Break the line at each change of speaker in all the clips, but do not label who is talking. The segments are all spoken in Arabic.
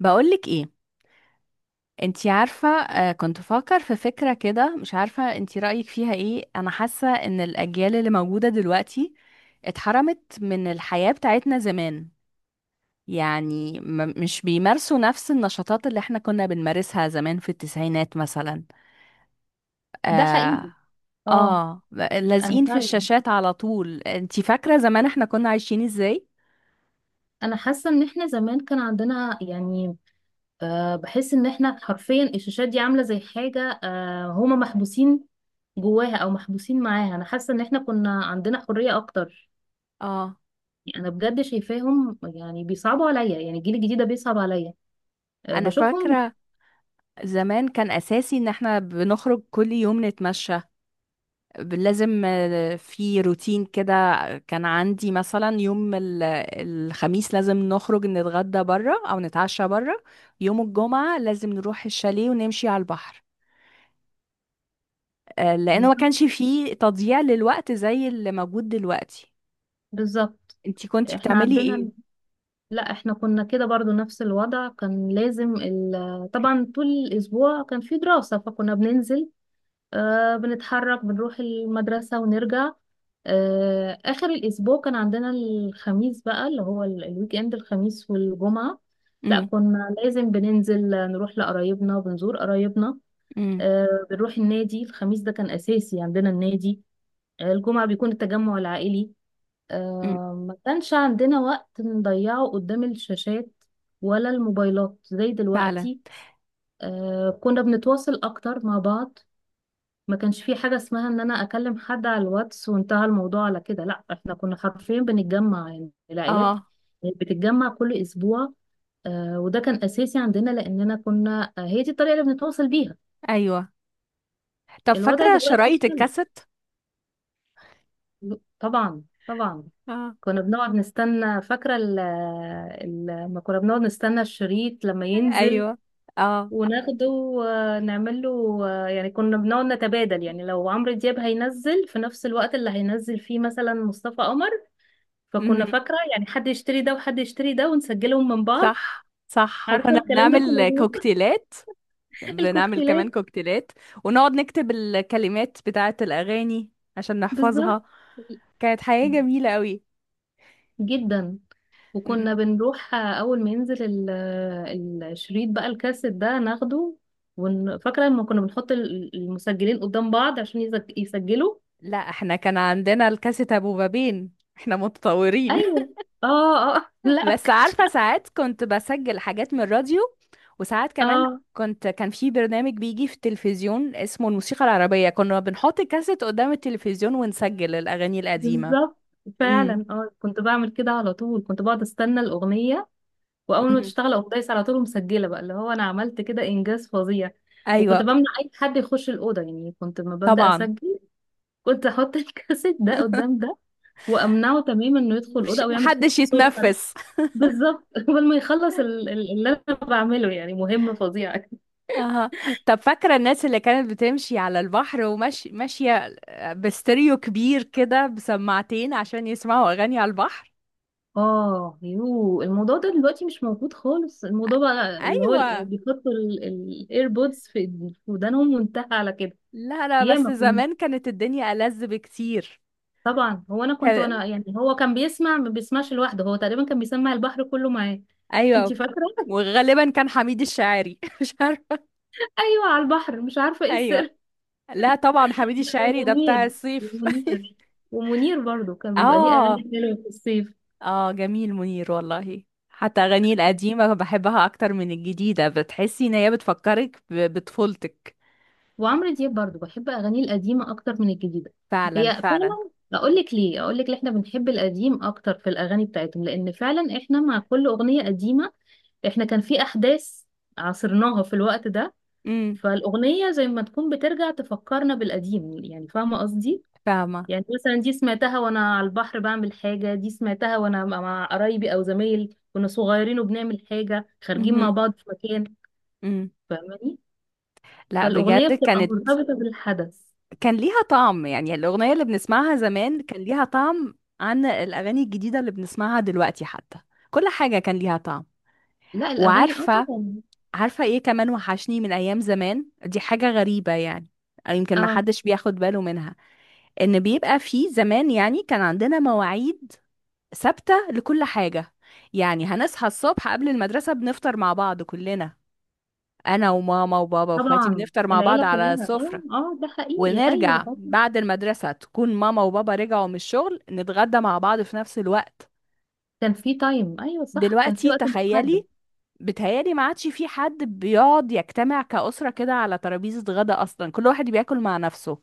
بقولك ايه؟ انتي عارفة، كنت بفكر في فكرة كده. مش عارفة انتي رأيك فيها ايه. انا حاسة ان الاجيال اللي موجودة دلوقتي اتحرمت من الحياة بتاعتنا زمان. يعني مش بيمارسوا نفس النشاطات اللي احنا كنا بنمارسها زمان في التسعينات مثلا.
ده
اه،
حقيقي. اه.
آه،
انا
لازقين في
فعلا
الشاشات على طول. انتي فاكرة زمان احنا كنا عايشين ازاي؟
انا حاسه ان احنا زمان كان عندنا يعني بحس ان احنا حرفيا الشاشات دي عامله زي حاجه، هما محبوسين جواها او محبوسين معاها. انا حاسه ان احنا كنا عندنا حريه اكتر.
اه.
يعني انا بجد شايفاهم، يعني بيصعبوا عليا، يعني الجيل الجديد ده بيصعب عليا.
انا
بشوفهم.
فاكرة زمان كان اساسي ان احنا بنخرج كل يوم نتمشى. لازم، في روتين كده. كان عندي مثلا يوم الخميس لازم نخرج نتغدى بره او نتعشى بره. يوم الجمعة لازم نروح الشاليه ونمشي على البحر. لانه ما
بالظبط،
كانش فيه تضييع للوقت زي اللي موجود دلوقتي.
بالظبط.
انتي كنتي
احنا
بتعملي ايه؟
عندنا لا، احنا كنا كده برضو نفس الوضع. كان لازم طبعا طول الاسبوع كان في دراسه، فكنا بننزل، بنتحرك، بنروح المدرسة ونرجع. آخر الأسبوع كان عندنا الخميس، بقى اللي هو الويك إند، الخميس والجمعة. لا،
امم.
كنا لازم بننزل، نروح لقرايبنا، بنزور قرايبنا.
امم.
بنروح النادي، الخميس ده كان أساسي عندنا النادي. الجمعة بيكون التجمع العائلي.
امم.
ما كانش عندنا وقت نضيعه قدام الشاشات ولا الموبايلات زي
فعلا.
دلوقتي. كنا بنتواصل أكتر مع بعض. ما كانش في حاجة اسمها ان انا اكلم حد على الواتس وانتهى الموضوع على كده. لا، احنا كنا حرفيا بنتجمع، يعني العائلات
اه.
بتتجمع كل اسبوع. وده كان اساسي عندنا، لاننا كنا، هي دي الطريقة اللي بنتواصل بيها.
ايوه. طب
الوضع
فاكرة
دلوقتي
شرايط
اختلف.
الكاسيت؟
طبعا طبعا.
اه.
كنا بنقعد نستنى، فاكرة لما كنا بنقعد نستنى الشريط لما ينزل
ايوه. اه.
وناخده ونعمل له، يعني كنا بنقعد نتبادل. يعني لو عمرو دياب هينزل في نفس الوقت اللي هينزل فيه مثلا مصطفى قمر، فكنا
امم.
فاكرة يعني حد يشتري ده وحد يشتري ده ونسجلهم من بعض.
صح صح،
عارفة
وكنا
الكلام ده؟ كنا
بنعمل
بنقول
كوكتيلات. بنعمل كمان
الكوكتيلات.
كوكتيلات ونقعد نكتب الكلمات بتاعة الأغاني عشان
بالظبط.
نحفظها. كانت حياة جميلة قوي.
جدا.
مم.
وكنا بنروح أول ما ينزل الشريط، بقى الكاسيت ده ناخده، فاكرة لما كنا بنحط المسجلين قدام بعض عشان يسجلوا.
لا، احنا كان عندنا الكاسيت ابو بابين، احنا متطورين.
أيوه، اه، اه، لا، ما
بس
كانش-
عارفة ساعات كنت بسجل حاجات من الراديو. وساعات كمان
اه،
كان في برنامج بيجي في التلفزيون اسمه الموسيقى العربية، كنا بنحط الكاسيت قدام التلفزيون ونسجل الأغاني القديمة.
بالظبط.
امم.
فعلا، اه، كنت بعمل كده على طول. كنت بقعد استنى الأغنية، واول ما
أمم.
تشتغل اقوم دايسه على طول ومسجله، بقى اللي هو انا عملت كده انجاز فظيع. وكنت
ايوه.
بمنع اي حد يخش الاوضه، يعني كنت لما ببدا
طبعا.
اسجل كنت احط الكاسيت ده قدام ده، وامنعه تماما انه يدخل الاوضه او يعمل
محدش
صوت حد.
يتنفس.
بالظبط قبل ما يخلص اللي انا بعمله، يعني مهمه فظيعه.
اها. طب فاكرة الناس اللي كانت بتمشي على البحر وماشية ماشية باستيريو كبير كده بسماعتين عشان يسمعوا أغاني على البحر؟
اه يو، الموضوع ده دلوقتي مش موجود خالص.
أ-
الموضوع بقى اللي هو
أيوة.
بيحطوا الايربودز في في ودانهم وانتهى على كده.
لا لا، بس
ياما.
زمان كانت الدنيا ألذ بكتير.
طبعا، هو انا كنت،
كان...
وانا يعني هو كان بيسمع، ما بيسمعش لوحده، هو تقريبا كان بيسمع البحر كله معاه.
أيوة.
انت فاكره؟
وغالبا كان حميد الشاعري، مش عارفة.
ايوه، على البحر مش عارفه ايه
أيوة.
السر.
لا طبعا، حميد
لا،
الشاعري ده بتاع
ومنير،
الصيف.
ومنير، ومنير برضو كان بيبقى ليه
اه.
اغاني حلوه في الصيف.
اه، جميل منير والله. حتى أغانيه القديمة بحبها أكتر من الجديدة، بتحسي إن هي بتفكرك بطفولتك.
وعمرو دياب برضو بحب اغانيه القديمه اكتر من الجديده.
فعلا
هي
فعلا.
فعلا، اقول لك ليه، اقول لك ليه احنا بنحب القديم اكتر في الاغاني بتاعتهم: لان فعلا احنا مع كل اغنيه قديمه، احنا كان في احداث عاصرناها في الوقت ده.
امم.
فالأغنية زي ما تكون بترجع تفكرنا بالقديم، يعني فاهمة قصدي؟
فاهمة.
يعني مثلا دي سمعتها وأنا على البحر بعمل حاجة، دي سمعتها وأنا مع قرايبي، أو زمايل كنا صغيرين وبنعمل حاجة، خارجين مع
امم.
بعض في مكان.
امم.
فاهماني؟
لا
فالأغنية
بجد،
بتبقى مرتبطة بالحدث.
كان ليها طعم. يعني الأغنية اللي بنسمعها زمان كان ليها طعم عن الأغاني الجديدة اللي بنسمعها دلوقتي. حتى كل حاجة كان ليها طعم.
لا، الأغاني اه
وعارفة
طبعا.
عارفة ايه كمان وحشني من أيام زمان؟ دي حاجة غريبة يعني، أو يمكن ما
اه
حدش بياخد باله منها. إن بيبقى في زمان، يعني كان عندنا مواعيد ثابتة لكل حاجة. يعني هنصحى الصبح قبل المدرسة بنفطر مع بعض كلنا، انا وماما وبابا واخواتي،
طبعا،
بنفطر مع بعض
العيلة
على
كلها،
السفرة.
اه، اه، ده حقيقي، أيوه،
ونرجع
اه.
بعد المدرسة تكون ماما وبابا رجعوا من الشغل، نتغدى مع بعض في نفس الوقت.
كان في تايم، أيوه صح، كان في
دلوقتي
وقت محدد.
تخيلي، بتهيالي ما عادش في حد بيقعد يجتمع كأسرة كده على ترابيزة غدا. أصلا كل واحد بياكل مع نفسه.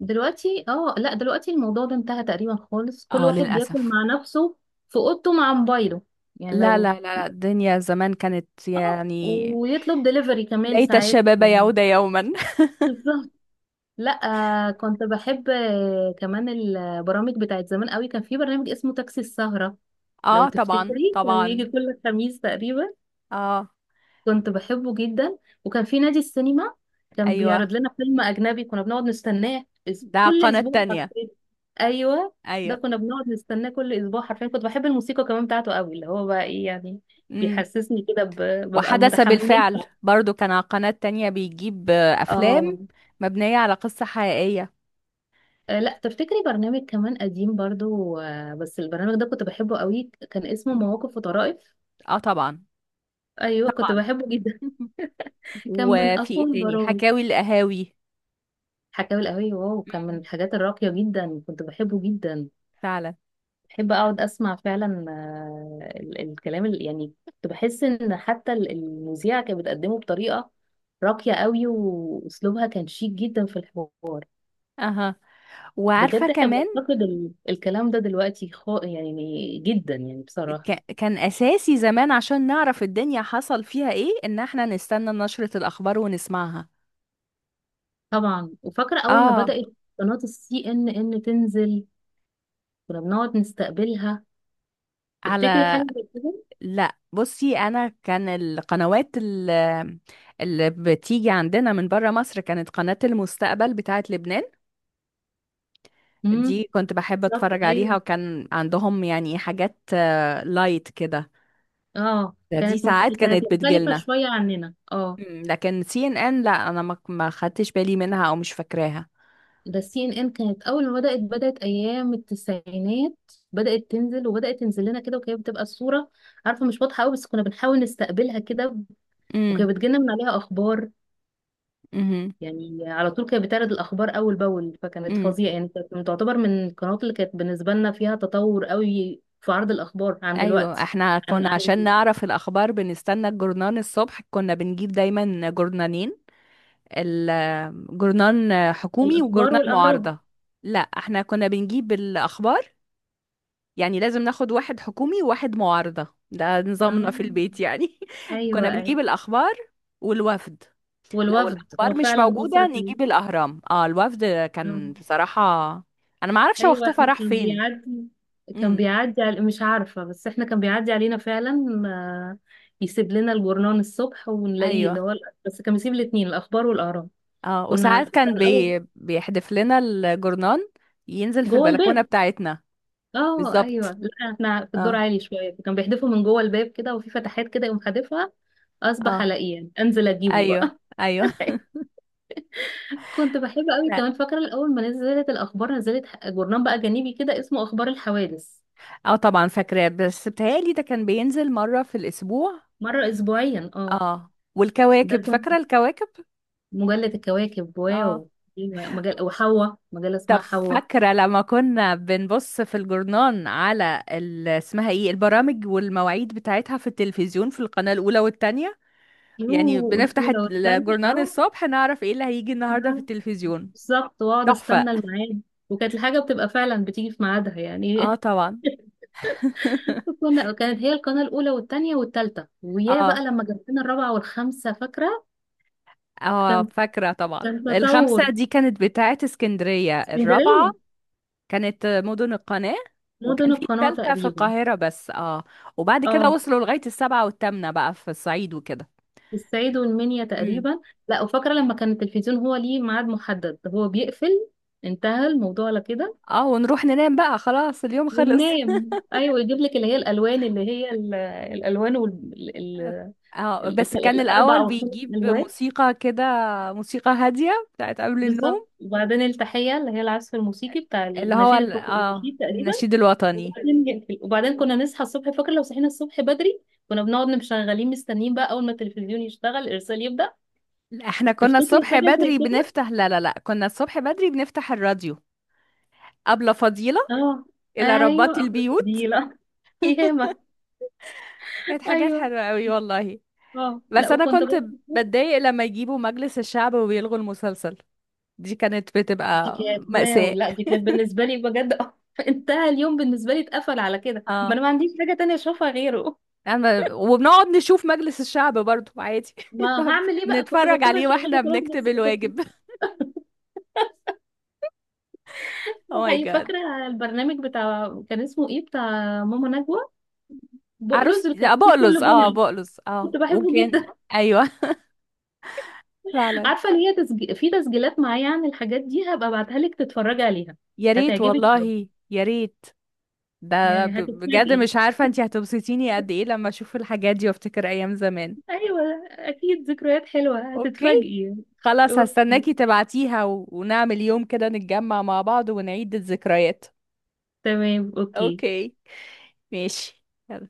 دلوقتي لا، دلوقتي الموضوع ده انتهى تقريبا خالص، كل
اه
واحد بياكل
للأسف.
مع نفسه في اوضته مع موبايله. يعني
لا
لو
لا لا لا، الدنيا زمان كانت
اه
يعني،
ويطلب دليفري كمان
ليت
ساعات
الشباب
يعني.
يعود يوما.
بالظبط. لا، كنت بحب، كمان البرامج بتاعت زمان قوي. كان في برنامج اسمه تاكسي السهرة، لو
اه طبعا
تفتكري، كان بيجي
طبعا.
كل خميس تقريبا.
اه.
كنت بحبه جدا. وكان في نادي السينما، كان
ايوه.
بيعرض لنا فيلم أجنبي كنا بنقعد نستناه،
ده
كل
قناة
أسبوع
تانية.
حرفيا. أيوه، ده
ايوه.
كنا بنقعد نستناه كل أسبوع حرفيا. كنت بحب الموسيقى كمان بتاعته قوي، اللي هو بقى إيه يعني،
مم.
بيحسسني كده ببقى
وحدث بالفعل
متحمسة.
برضو كان على قناة تانية، بيجيب أفلام
اه.
مبنية على قصة حقيقية.
لا، تفتكري برنامج كمان قديم برضو، بس البرنامج ده كنت بحبه قوي، كان اسمه
م.
مواقف وطرائف.
اه طبعا.
ايوه، كنت
طبعا.
بحبه جدا. كان من
وفي ايه
اقوى
تاني؟
البرامج.
حكاوي القهاوي.
حكاوي القهوية، واو، كان من
مم.
الحاجات الراقية جدا، كنت بحبه جدا.
فعلا.
بحب اقعد اسمع فعلا، الكلام اللي يعني كنت بحس ان حتى المذيعه كانت بتقدمه بطريقه راقيه قوي، واسلوبها كان شيك جدا في الحوار.
اها. وعارفة
بجد احنا
كمان،
بنفتقد الكلام ده دلوقتي، خا يعني، جدا يعني بصراحه.
كان أساسي زمان عشان نعرف الدنيا حصل فيها ايه، ان احنا نستنى نشرة الأخبار ونسمعها.
طبعا، وفاكره اول ما
اه.
بدات قناه CNN تنزل، كنا بنقعد نستقبلها. تفتكري حاجه
على
زي كده؟
لا بصي، انا كان القنوات اللي بتيجي عندنا من بره مصر كانت قناة المستقبل بتاعه لبنان.
امم،
دي كنت بحب
بالظبط
اتفرج عليها،
ايوه.
وكان عندهم يعني حاجات لايت كده.
اه
دي
كانت
ساعات
كانت
كانت
مختلفه
بتجيلنا.
شويه عننا، اه.
مم، لكن سي ان ان لا، انا ما خدتش بالي منها او مش فاكراها.
ده CNN كانت اول ما بدات، بدات ايام التسعينات، بدات تنزل، وبدات تنزل لنا كده، وكانت بتبقى الصوره عارفه مش واضحه قوي، بس كنا بنحاول نستقبلها كده.
امم.
وكانت بتجيلنا من عليها اخبار،
امم.
يعني على طول كانت بتعرض الاخبار اول باول، فكانت
امم.
فظيعه يعني. كانت تعتبر من القنوات اللي كانت بالنسبه لنا فيها تطور قوي في عرض الاخبار عن
ايوه،
دلوقتي.
احنا
عن
كنا
عن
عشان نعرف الاخبار بنستنى الجرنان الصبح. كنا بنجيب دايما جرنانين، الجورنال حكومي
الاخبار
وجورنال
والاهرام.
معارضة. لا، احنا كنا بنجيب الأخبار، يعني لازم ناخد واحد حكومي وواحد معارضة. ده نظامنا في
اه،
البيت يعني.
ايوه،
كنا
ايوه.
بنجيب الأخبار والوفد. لو
والوفد،
الأخبار
هو
مش
فعلا مصر
موجودة نجيب الأهرام، اه الوفد.
كلها.
كان بصراحة، أنا ما اعرفش هو
ايوه،
اختفى
احنا
راح
كان
فين.
بيعدي. كان
امم.
بيعدي على، مش عارفه، بس احنا كان بيعدي علينا فعلا، يسيب لنا الجورنان الصبح ونلاقيه، اللي
ايوه.
هو، بس كان بيسيب الاثنين: الاخبار والاراء.
اه، وساعات كان
كان اول
بيحدف لنا الجورنال، ينزل في
جوه
البلكونة
الباب.
بتاعتنا.
اه، ايوه،
بالظبط.
لا احنا في الدور
اه.
عالي شويه، فكان بيحدفه من جوه الباب كده، وفي فتحات كده يقوم حادفها. اصبح
اه.
الاقيه يعني، انزل اجيبه
ايوه.
بقى.
ايوه.
كنت بحب قوي كمان، فاكره الاول ما نزلت الاخبار، نزلت جورنان بقى جانبي كده اسمه اخبار الحوادث.
اه طبعا فاكراه، بس بتهيألي ده كان بينزل مرة في الأسبوع.
مره اسبوعيا، اه.
اه
ده
والكواكب، فاكرة الكواكب؟
مجلة الكواكب،
اه.
واو. في مجلة، وحواء، مجلة
طب
اسمها حواء.
فاكرة لما كنا بنبص في الجورنان على اسمها ايه، البرامج والمواعيد بتاعتها في التلفزيون في القناة الأولى والتانية؟ يعني
يوه،
بنفتح
الأولى والثانية،
الجورنان
اه.
الصبح نعرف ايه اللي هيجي النهاردة في
لا،
التلفزيون.
بالظبط، واقعد
تحفة.
استنى الميعاد. وكانت الحاجة بتبقى فعلا بتيجي في ميعادها
اه
يعني.
طبعا.
كنا، كانت هي القناة الأولى والثانية والثالثة، ويا بقى
اه.
لما جاب لنا الرابعة والخامسة، فاكرة؟
اه
كان
فاكرة طبعا.
كان
الخمسة
تطور.
دي كانت بتاعت اسكندرية، الرابعة
اسكندرية،
كانت مدن القناة.
مدن
وكان في
القناة
التالتة في
تقريبا.
القاهرة بس، اه. وبعد كده
اه،
وصلوا لغاية السبعة والتامنة بقى في الصعيد وكده.
الصعيد والمنيا
امم.
تقريبا. لا، وفاكرة لما كان التلفزيون هو ليه ميعاد محدد، هو بيقفل، انتهى الموضوع على كده.
اه، ونروح ننام بقى، خلاص اليوم خلص.
والنام ايوه، يجيب لك اللي هي الالوان، اللي هي الالوان وال... ال...
اه،
ال...
بس
ال-
كان
الاربع
الأول
او الخمس
بيجيب
الوان.
موسيقى كده، موسيقى هادية بتاعت قبل
بالظبط.
النوم.
وبعدين التحيه، اللي هي العزف الموسيقي بتاع
اللي هو
النشيد الحكومي،
اه
النشيد تقريبا.
النشيد الوطني.
وبعدين يقفل. وبعدين كنا نصحى الصبح. فاكر لو صحينا الصبح بدري، كنا بنقعد مشغلين مستنيين، بقى اول ما التلفزيون يشتغل الارسال يبدا.
لا، احنا كنا
تفتكري
الصبح
حاجه زي
بدري
كده؟
بنفتح، لا لا لا، كنا الصبح بدري بنفتح الراديو. أبلة فضيلة،
اه،
إلى ربات
ايوه، ام
البيوت.
الفضيله. ياما.
كانت حاجات
ايوه.
حلوة قوي والله.
اه، لا
بس انا
وكنت
كنت
برضه،
بتضايق لما يجيبوا مجلس الشعب وبيلغوا المسلسل. دي كانت
دي
بتبقى
كانت واو،
مأساة.
لا دي كانت بالنسبة لي بجد. انتهى اليوم بالنسبة لي، اتقفل على كده، ما
اه.
انا ما عنديش حاجة تانية اشوفها غيره.
أنا وبنقعد نشوف مجلس الشعب برضو عادي.
ما هعمل ايه بقى، كنت
بنتفرج
بضطر
عليه واحنا
اشغله، خلاص.
بنكتب
بس كنت،
الواجب. او ماي
هي
جاد.
فاكرة البرنامج بتاع كان اسمه ايه، بتاع ماما نجوى
عروس،
بقلوز، اللي كان
لا
فيه
بقلص،
كل
اه
جمعة.
بقلص، اه.
كنت بحبه
وكان
جدا.
ايوه. فعلا.
عارفة اللي هي في تسجيلات معايا عن الحاجات دي، هبقى ابعتها لك تتفرجي عليها.
يا ريت
هتعجبك قوي.
والله يا ريت. ده
يعني
بجد
هتتفاجئي.
مش عارفة انتي هتبسطيني قد ايه لما اشوف الحاجات دي وافتكر ايام زمان.
ايوه، اكيد ذكريات حلوة،
اوكي
هتتفاجئي.
خلاص،
اوكي.
هستناكي تبعتيها، و... ونعمل يوم كده نتجمع مع بعض ونعيد الذكريات.
تمام اوكي.
اوكي. ماشي. يلا.